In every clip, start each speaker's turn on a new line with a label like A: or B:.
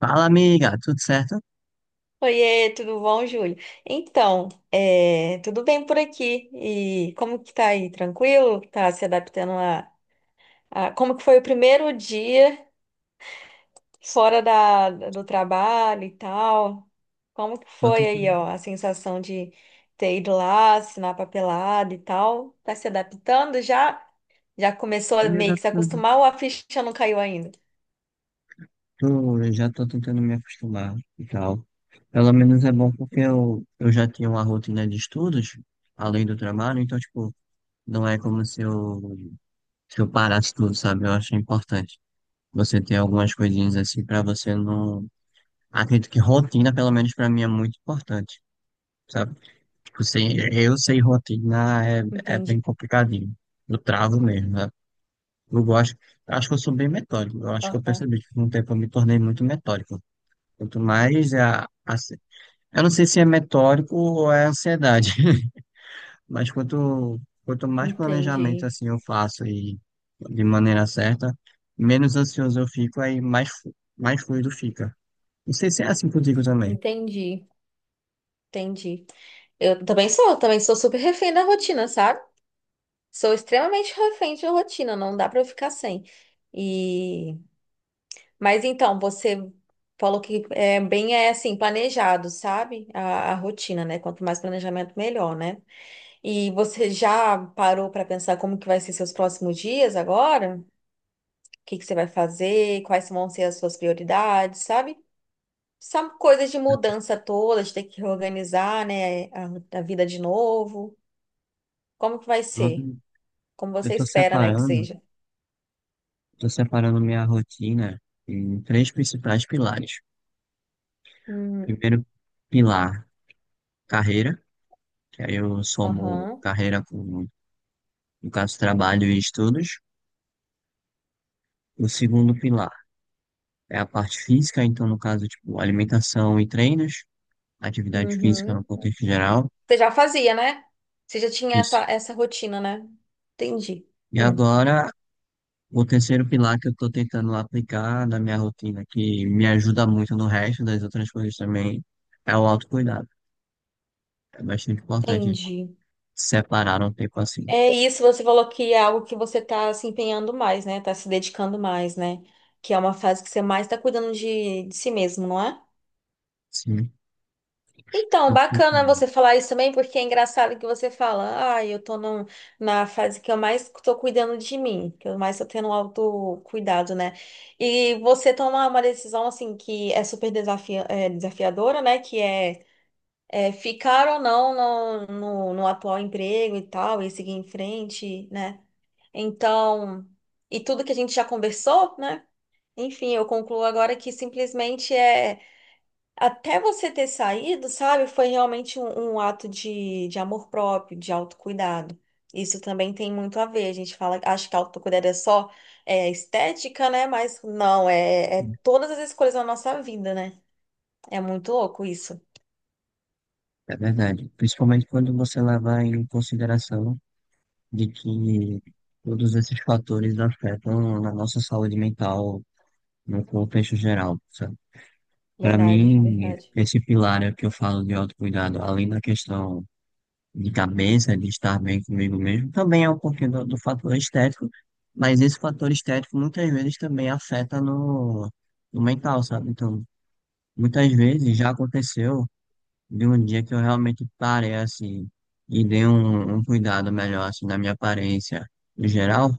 A: Fala, amiga, tudo certo?
B: Oiê, tudo bom, Júlio? Então, tudo bem por aqui? E como que tá aí? Tranquilo? Tá se adaptando como que foi o primeiro dia fora do trabalho e tal? Como que
A: Tô
B: foi aí,
A: tentando
B: ó, a sensação de ter ido lá, assinar papelada e tal? Tá se adaptando já? Já começou
A: tô
B: a
A: me
B: meio que se
A: adaptando.
B: acostumar ou a ficha não caiu ainda?
A: Tô, eu já tô tentando me acostumar e tal. Pelo menos é bom porque eu já tinha uma rotina de estudos, além do trabalho, então, tipo, não é como se eu, se eu parasse tudo, sabe? Eu acho importante você ter algumas coisinhas assim pra você não. Acredito que rotina, pelo menos pra mim, é muito importante, sabe? Tipo, sem, eu sem rotina é
B: Entendi.
A: bem complicadinho. Eu travo mesmo, né? Eu gosto, acho que eu sou bem metódico. Eu acho que eu
B: Aham.
A: percebi que com o tempo eu me tornei muito metódico. Quanto mais é eu não sei se é metódico ou é ansiedade, mas quanto mais planejamento
B: Entendi.
A: assim eu faço e de maneira certa, menos ansioso eu fico, aí mais, mais fluido fica. Não sei se é assim contigo também.
B: Entendi. Entendi. Eu também sou super refém da rotina, sabe? Sou extremamente refém de rotina, não dá pra eu ficar sem. E Mas então, você falou que é bem assim, planejado, sabe? A rotina, né? Quanto mais planejamento, melhor, né? E você já parou para pensar como que vai ser seus próximos dias agora? O que que você vai fazer? Quais vão ser as suas prioridades, sabe? São coisas de mudança toda, de ter que reorganizar, né? A vida de novo. Como que vai
A: Eu
B: ser? Como
A: eu
B: você espera, né, que seja?
A: tô separando minha rotina em três principais pilares.
B: Hum.
A: Primeiro pilar, carreira. Que aí eu somo
B: Aham.
A: carreira com, no caso, trabalho e estudos. O segundo pilar é a parte física, então, no caso, tipo, alimentação e treinos, atividade física no
B: Uhum.
A: contexto geral.
B: Você já fazia, né? Você já tinha
A: Isso.
B: essa rotina, né? Entendi.
A: E
B: Hum,
A: agora, o terceiro pilar que eu estou tentando aplicar na minha rotina, que me ajuda muito no resto das outras coisas também, é o autocuidado. É bastante importante
B: entendi.
A: separar um tempo assim.
B: É isso, você falou que é algo que você tá se empenhando mais, né? Tá se dedicando mais, né? Que é uma fase que você mais tá cuidando de si mesmo, não é?
A: Sim,
B: Então,
A: tanto que eu
B: bacana
A: tenho.
B: você falar isso também, porque é engraçado que você fala, ah, eu tô na fase que eu mais tô cuidando de mim, que eu mais tô tendo um autocuidado, né? E você tomar uma decisão, assim, que é super desafiadora, né? Que é ficar ou não no atual emprego e tal, e seguir em frente, né? Então, e tudo que a gente já conversou, né? Enfim, eu concluo agora que simplesmente é. Até você ter saído, sabe? Foi realmente um ato de amor próprio, de autocuidado. Isso também tem muito a ver. A gente fala, acha que autocuidado é só estética, né? Mas não, é todas as escolhas da nossa vida, né? É muito louco isso.
A: É verdade. Principalmente quando você leva em consideração de que todos esses fatores afetam a nossa saúde mental no contexto geral, sabe? Para
B: Verdade,
A: mim,
B: verdade.
A: esse pilar é que eu falo de autocuidado, além da questão de cabeça, de estar bem comigo mesmo, também é um pouquinho do, do fator estético, mas esse fator estético muitas vezes também afeta no, no mental, sabe? Então, muitas vezes já aconteceu de um dia que eu realmente parei assim e dei um, um cuidado melhor assim na minha aparência em geral,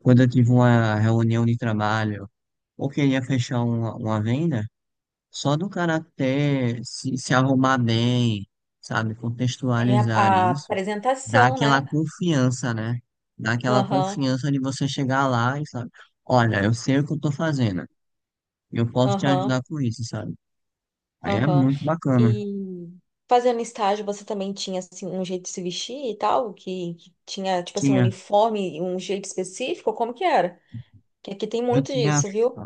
A: quando eu tive uma reunião de trabalho ou queria fechar uma venda, só do cara ter se, se arrumar bem, sabe,
B: É
A: contextualizar
B: a
A: isso, dá
B: apresentação,
A: aquela
B: né?
A: confiança, né? Dá aquela
B: Aham,
A: confiança de você chegar lá e sabe, olha, eu sei o que eu tô fazendo. Eu posso te
B: aham,
A: ajudar com isso, sabe? Aí é
B: aham.
A: muito bacana.
B: E fazendo estágio, você também tinha, assim, um jeito de se vestir e tal? Que tinha, tipo assim, um
A: Tinha,
B: uniforme, e um jeito específico? Como que era? Que aqui tem
A: eu
B: muito
A: tinha.
B: disso, viu?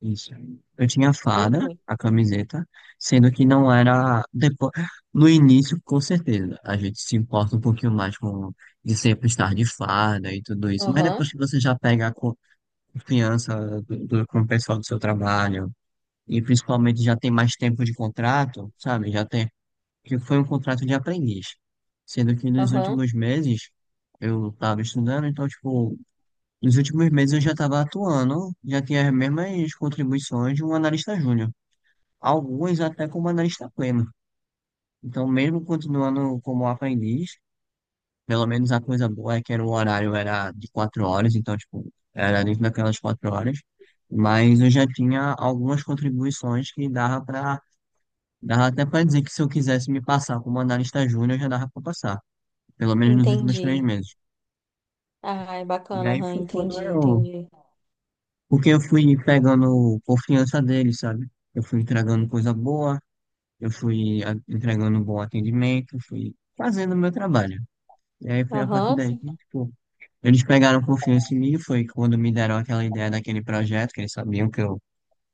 A: Isso. Eu tinha a
B: Muito,
A: fada,
B: muito.
A: a camiseta, sendo que não era depois, no início, com certeza. A gente se importa um pouquinho mais com de sempre estar de fada e tudo isso, mas depois
B: Aham,
A: que você já pega a confiança do com o pessoal do seu trabalho e principalmente já tem mais tempo de contrato, sabe? Já tem que foi um contrato de aprendiz, sendo que nos
B: aham.
A: últimos meses eu estava estudando, então tipo nos últimos meses eu já estava atuando, já tinha as mesmas contribuições de um analista júnior, algumas até como analista pleno. Então, mesmo continuando como aprendiz, pelo menos a coisa boa é que era o horário era de quatro horas, então, tipo, era dentro daquelas quatro horas, mas eu já tinha algumas contribuições que dava para, dava até para dizer que se eu quisesse me passar como analista júnior, já dava para passar, pelo menos nos últimos três
B: Entendi.
A: meses.
B: Ai,
A: E
B: bacana,
A: aí
B: aham,
A: foi quando
B: entendi,
A: eu.
B: entendi.
A: Porque eu fui pegando confiança dele, sabe? Eu fui entregando coisa boa, eu fui entregando um bom atendimento, fui fazendo o meu trabalho. E aí foi a partir
B: Aham,
A: daí
B: sim.
A: que, tipo, eles pegaram confiança em mim, foi quando me deram aquela ideia daquele projeto, que eles sabiam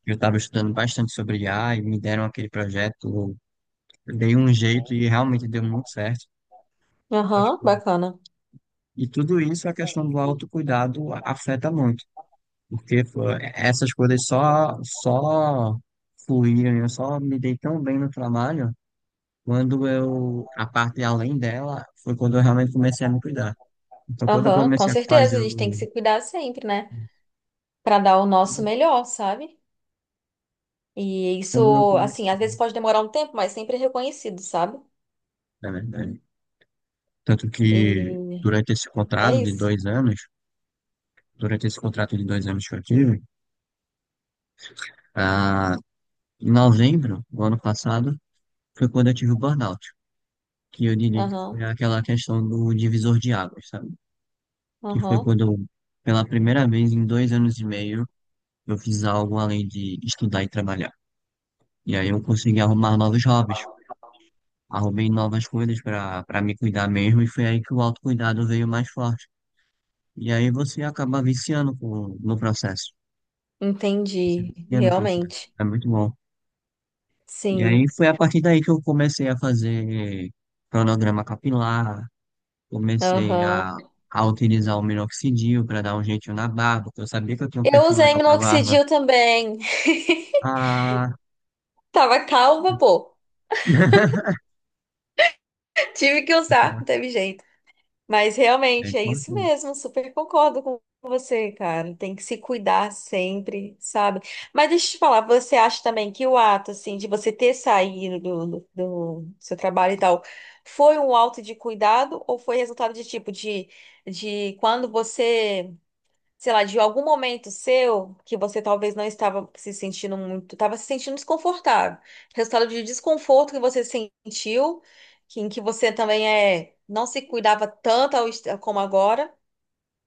A: que eu estava estudando bastante sobre IA, e me deram aquele projeto, eu dei um jeito e realmente deu muito certo. Então,
B: Aham,
A: tipo,
B: bacana.
A: e tudo isso, a questão do autocuidado afeta muito. Porque pô, essas coisas só fluíram, eu só me dei tão bem no trabalho quando eu, a parte além dela, foi quando eu realmente comecei a me cuidar. Então, quando eu
B: Aham, com
A: comecei a
B: certeza,
A: fazer
B: a gente tem que
A: o.
B: se cuidar sempre, né? Pra dar o nosso melhor, sabe? E
A: Quando eu
B: isso, assim,
A: comecei,
B: às vezes pode demorar um tempo, mas sempre é reconhecido, sabe?
A: na verdade. Tanto que,
B: E é isso.
A: durante esse contrato de dois anos que eu tive, ah, em novembro do ano passado, foi quando eu tive o burnout, que eu diria que
B: Aham,
A: foi aquela questão do divisor de águas, sabe? Que foi
B: aham.
A: quando, eu, pela primeira vez em dois anos e meio, eu fiz algo além de estudar e trabalhar. E aí eu consegui arrumar novos hobbies, arrumei novas coisas para para me cuidar mesmo, e foi aí que o autocuidado veio mais forte. E aí você acaba viciando no processo. Você
B: Entendi,
A: vicia no processo.
B: realmente.
A: É muito bom. E aí
B: Sim,
A: foi a partir daí que eu comecei a fazer cronograma capilar, comecei
B: aham.
A: a utilizar o minoxidil para dar um jeitinho na barba, porque eu sabia que eu tinha um
B: Eu
A: perfil
B: usei
A: legal para barba
B: minoxidil também.
A: a
B: Tava calma, pô. Tive que usar,
A: Aquela
B: não teve jeito. Mas
A: é
B: realmente é isso
A: importante.
B: mesmo, super concordo com você, cara. Tem que se cuidar sempre, sabe? Mas deixa eu te falar, você acha também que o ato, assim, de você ter saído do seu trabalho e tal, foi um ato de cuidado ou foi resultado de de quando você sei lá, de algum momento seu que você talvez não estava se sentindo muito, estava se sentindo desconfortável. Resultado de desconforto que você sentiu, que, em que você também não se cuidava tanto como agora,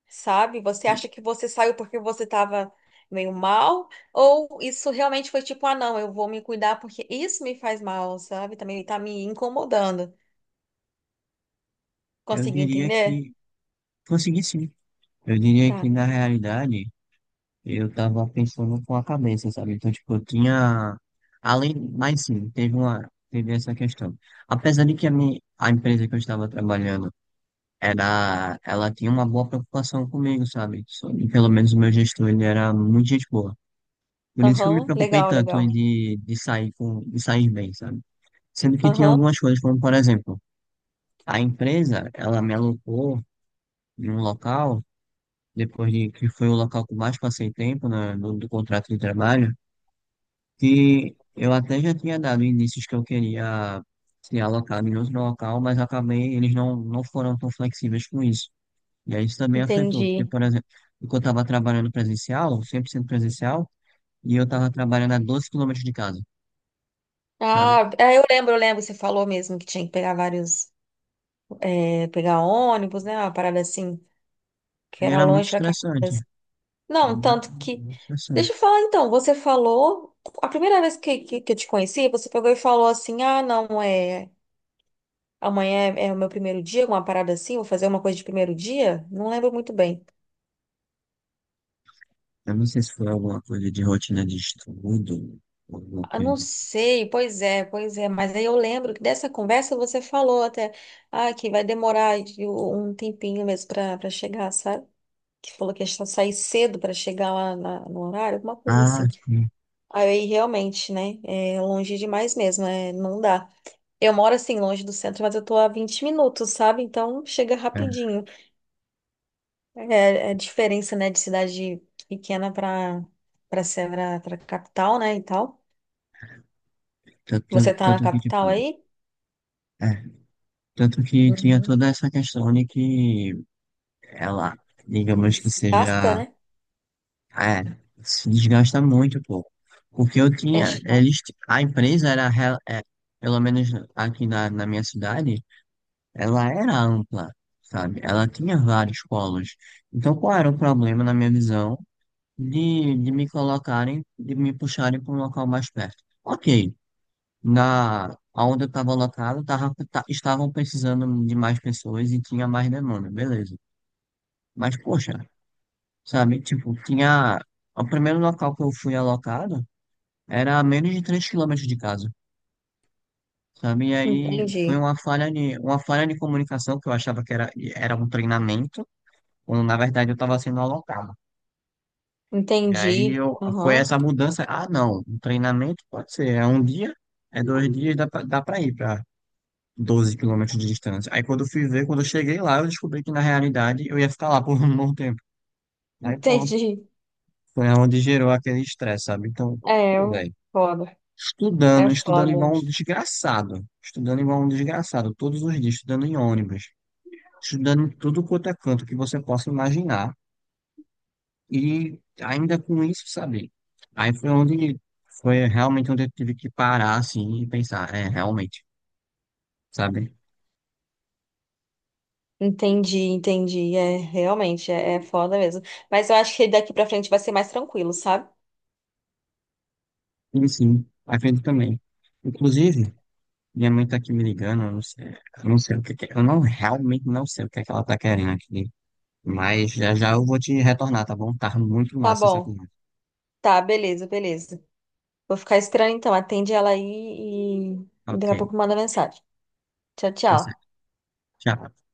B: sabe? Você acha que você saiu porque você estava meio mal, ou isso realmente foi tipo, ah, não, eu vou me cuidar porque isso me faz mal, sabe? Também tá me incomodando.
A: Eu
B: Conseguiu
A: diria
B: entender?
A: que consegui sim. Eu diria que
B: Tá.
A: na realidade eu tava pensando com a cabeça, sabe? Então, tipo, eu tinha. Além, mas sim, teve uma. Teve essa questão. Apesar de que a, minha, a empresa que eu estava trabalhando era. Ela tinha uma boa preocupação comigo, sabe? Sobre, pelo menos o meu gestor, ele era muito gente boa. Por isso que eu me
B: Aham,
A: preocupei
B: legal,
A: tanto
B: legal.
A: de sair com, de sair bem, sabe? Sendo que tinha
B: Aham,
A: algumas coisas, como por exemplo. A empresa, ela me alocou em um local, depois de que foi o local que eu mais passei tempo né, no, do contrato de trabalho, que eu até já tinha dado indícios que eu queria ser alocado em outro local, mas acabei, eles não, não foram tão flexíveis com isso. E aí isso também afetou, porque,
B: entendi.
A: por exemplo, porque eu estava trabalhando presencial, 100% presencial, e eu estava trabalhando a 12 quilômetros de casa, sabe?
B: Ah, é, eu lembro, você falou mesmo que tinha que pegar vários, pegar ônibus, né? Uma parada assim, que
A: E
B: era
A: era muito
B: longe pra cá.
A: estressante,
B: Não,
A: muito,
B: tanto que.
A: muito estressante.
B: Deixa eu falar então, você falou. A primeira vez que eu te conheci, você pegou e falou assim: ah, não, é. Amanhã é o meu primeiro dia, uma parada assim, vou fazer uma coisa de primeiro dia? Não lembro muito bem.
A: Eu não sei se foi alguma coisa de rotina de estudo, ou alguma
B: Ah, não
A: coisa.
B: sei, pois é, mas aí eu lembro que dessa conversa você falou até, ah, que vai demorar um tempinho mesmo pra chegar, sabe? Que falou que ia só sair cedo para chegar lá no horário, alguma coisa
A: Ah,
B: assim.
A: sim.
B: Aí realmente, né? É longe demais mesmo, é, não dá. Eu moro assim, longe do centro, mas eu tô a 20 minutos, sabe? Então chega
A: É,
B: rapidinho. É, é a diferença, né, de cidade pequena para Sevra, para capital, né, e tal. Você tá na
A: tanto que, tipo,
B: capital aí?
A: é, tanto que tinha
B: Uhum.
A: toda essa questão de que ela, digamos que
B: Gasta,
A: seja,
B: né?
A: é, se desgasta muito, pô. Porque eu
B: É
A: tinha,
B: chato.
A: eles, a empresa era, é, pelo menos aqui na, na minha cidade, ela era ampla, sabe? Ela tinha vários polos. Então, qual era o problema, na minha visão? De me colocarem, de me puxarem para um local mais perto. Ok, na onde eu estava locado, estavam precisando de mais pessoas e tinha mais demanda, beleza. Mas, poxa, sabe, tipo, tinha... O primeiro local que eu fui alocado era a menos de 3 quilômetros de casa, sabe? E aí
B: Entendi.
A: foi uma falha de comunicação que eu achava que era, era um treinamento, quando na verdade eu estava sendo alocado. E aí
B: Entendi.
A: eu, foi
B: Aham.
A: essa mudança. Ah, não, um treinamento pode ser. É um dia, é dois dias, dá pra ir pra 12 quilômetros de distância. Aí quando eu fui ver, quando eu cheguei lá, eu descobri que na realidade eu ia ficar lá por um bom tempo. Aí pronto.
B: Entendi.
A: Foi onde gerou aquele estresse, sabe? Então,
B: É,
A: pô, velho,
B: foda. É
A: estudando, estudando
B: foda.
A: igual um desgraçado. Estudando igual um desgraçado, todos os dias, estudando em ônibus, estudando em tudo quanto é canto que você possa imaginar. E ainda com isso, sabe? Aí foi onde foi realmente onde eu tive que parar assim e pensar, é, realmente, sabe?
B: Entendi, entendi. É, realmente, é foda mesmo. Mas eu acho que daqui pra frente vai ser mais tranquilo, sabe?
A: E sim, a gente também. Inclusive, minha mãe tá aqui me ligando, eu não sei o que que, eu não realmente não sei o que é que ela tá querendo aqui, mas já já eu vou te retornar, tá bom? Tá muito
B: Tá
A: massa essa
B: bom.
A: conversa.
B: Tá, beleza, beleza. Vou ficar esperando então. Atende ela aí e
A: Ok,
B: daqui a pouco manda mensagem. Tchau,
A: tá
B: tchau.
A: certo. Tchau.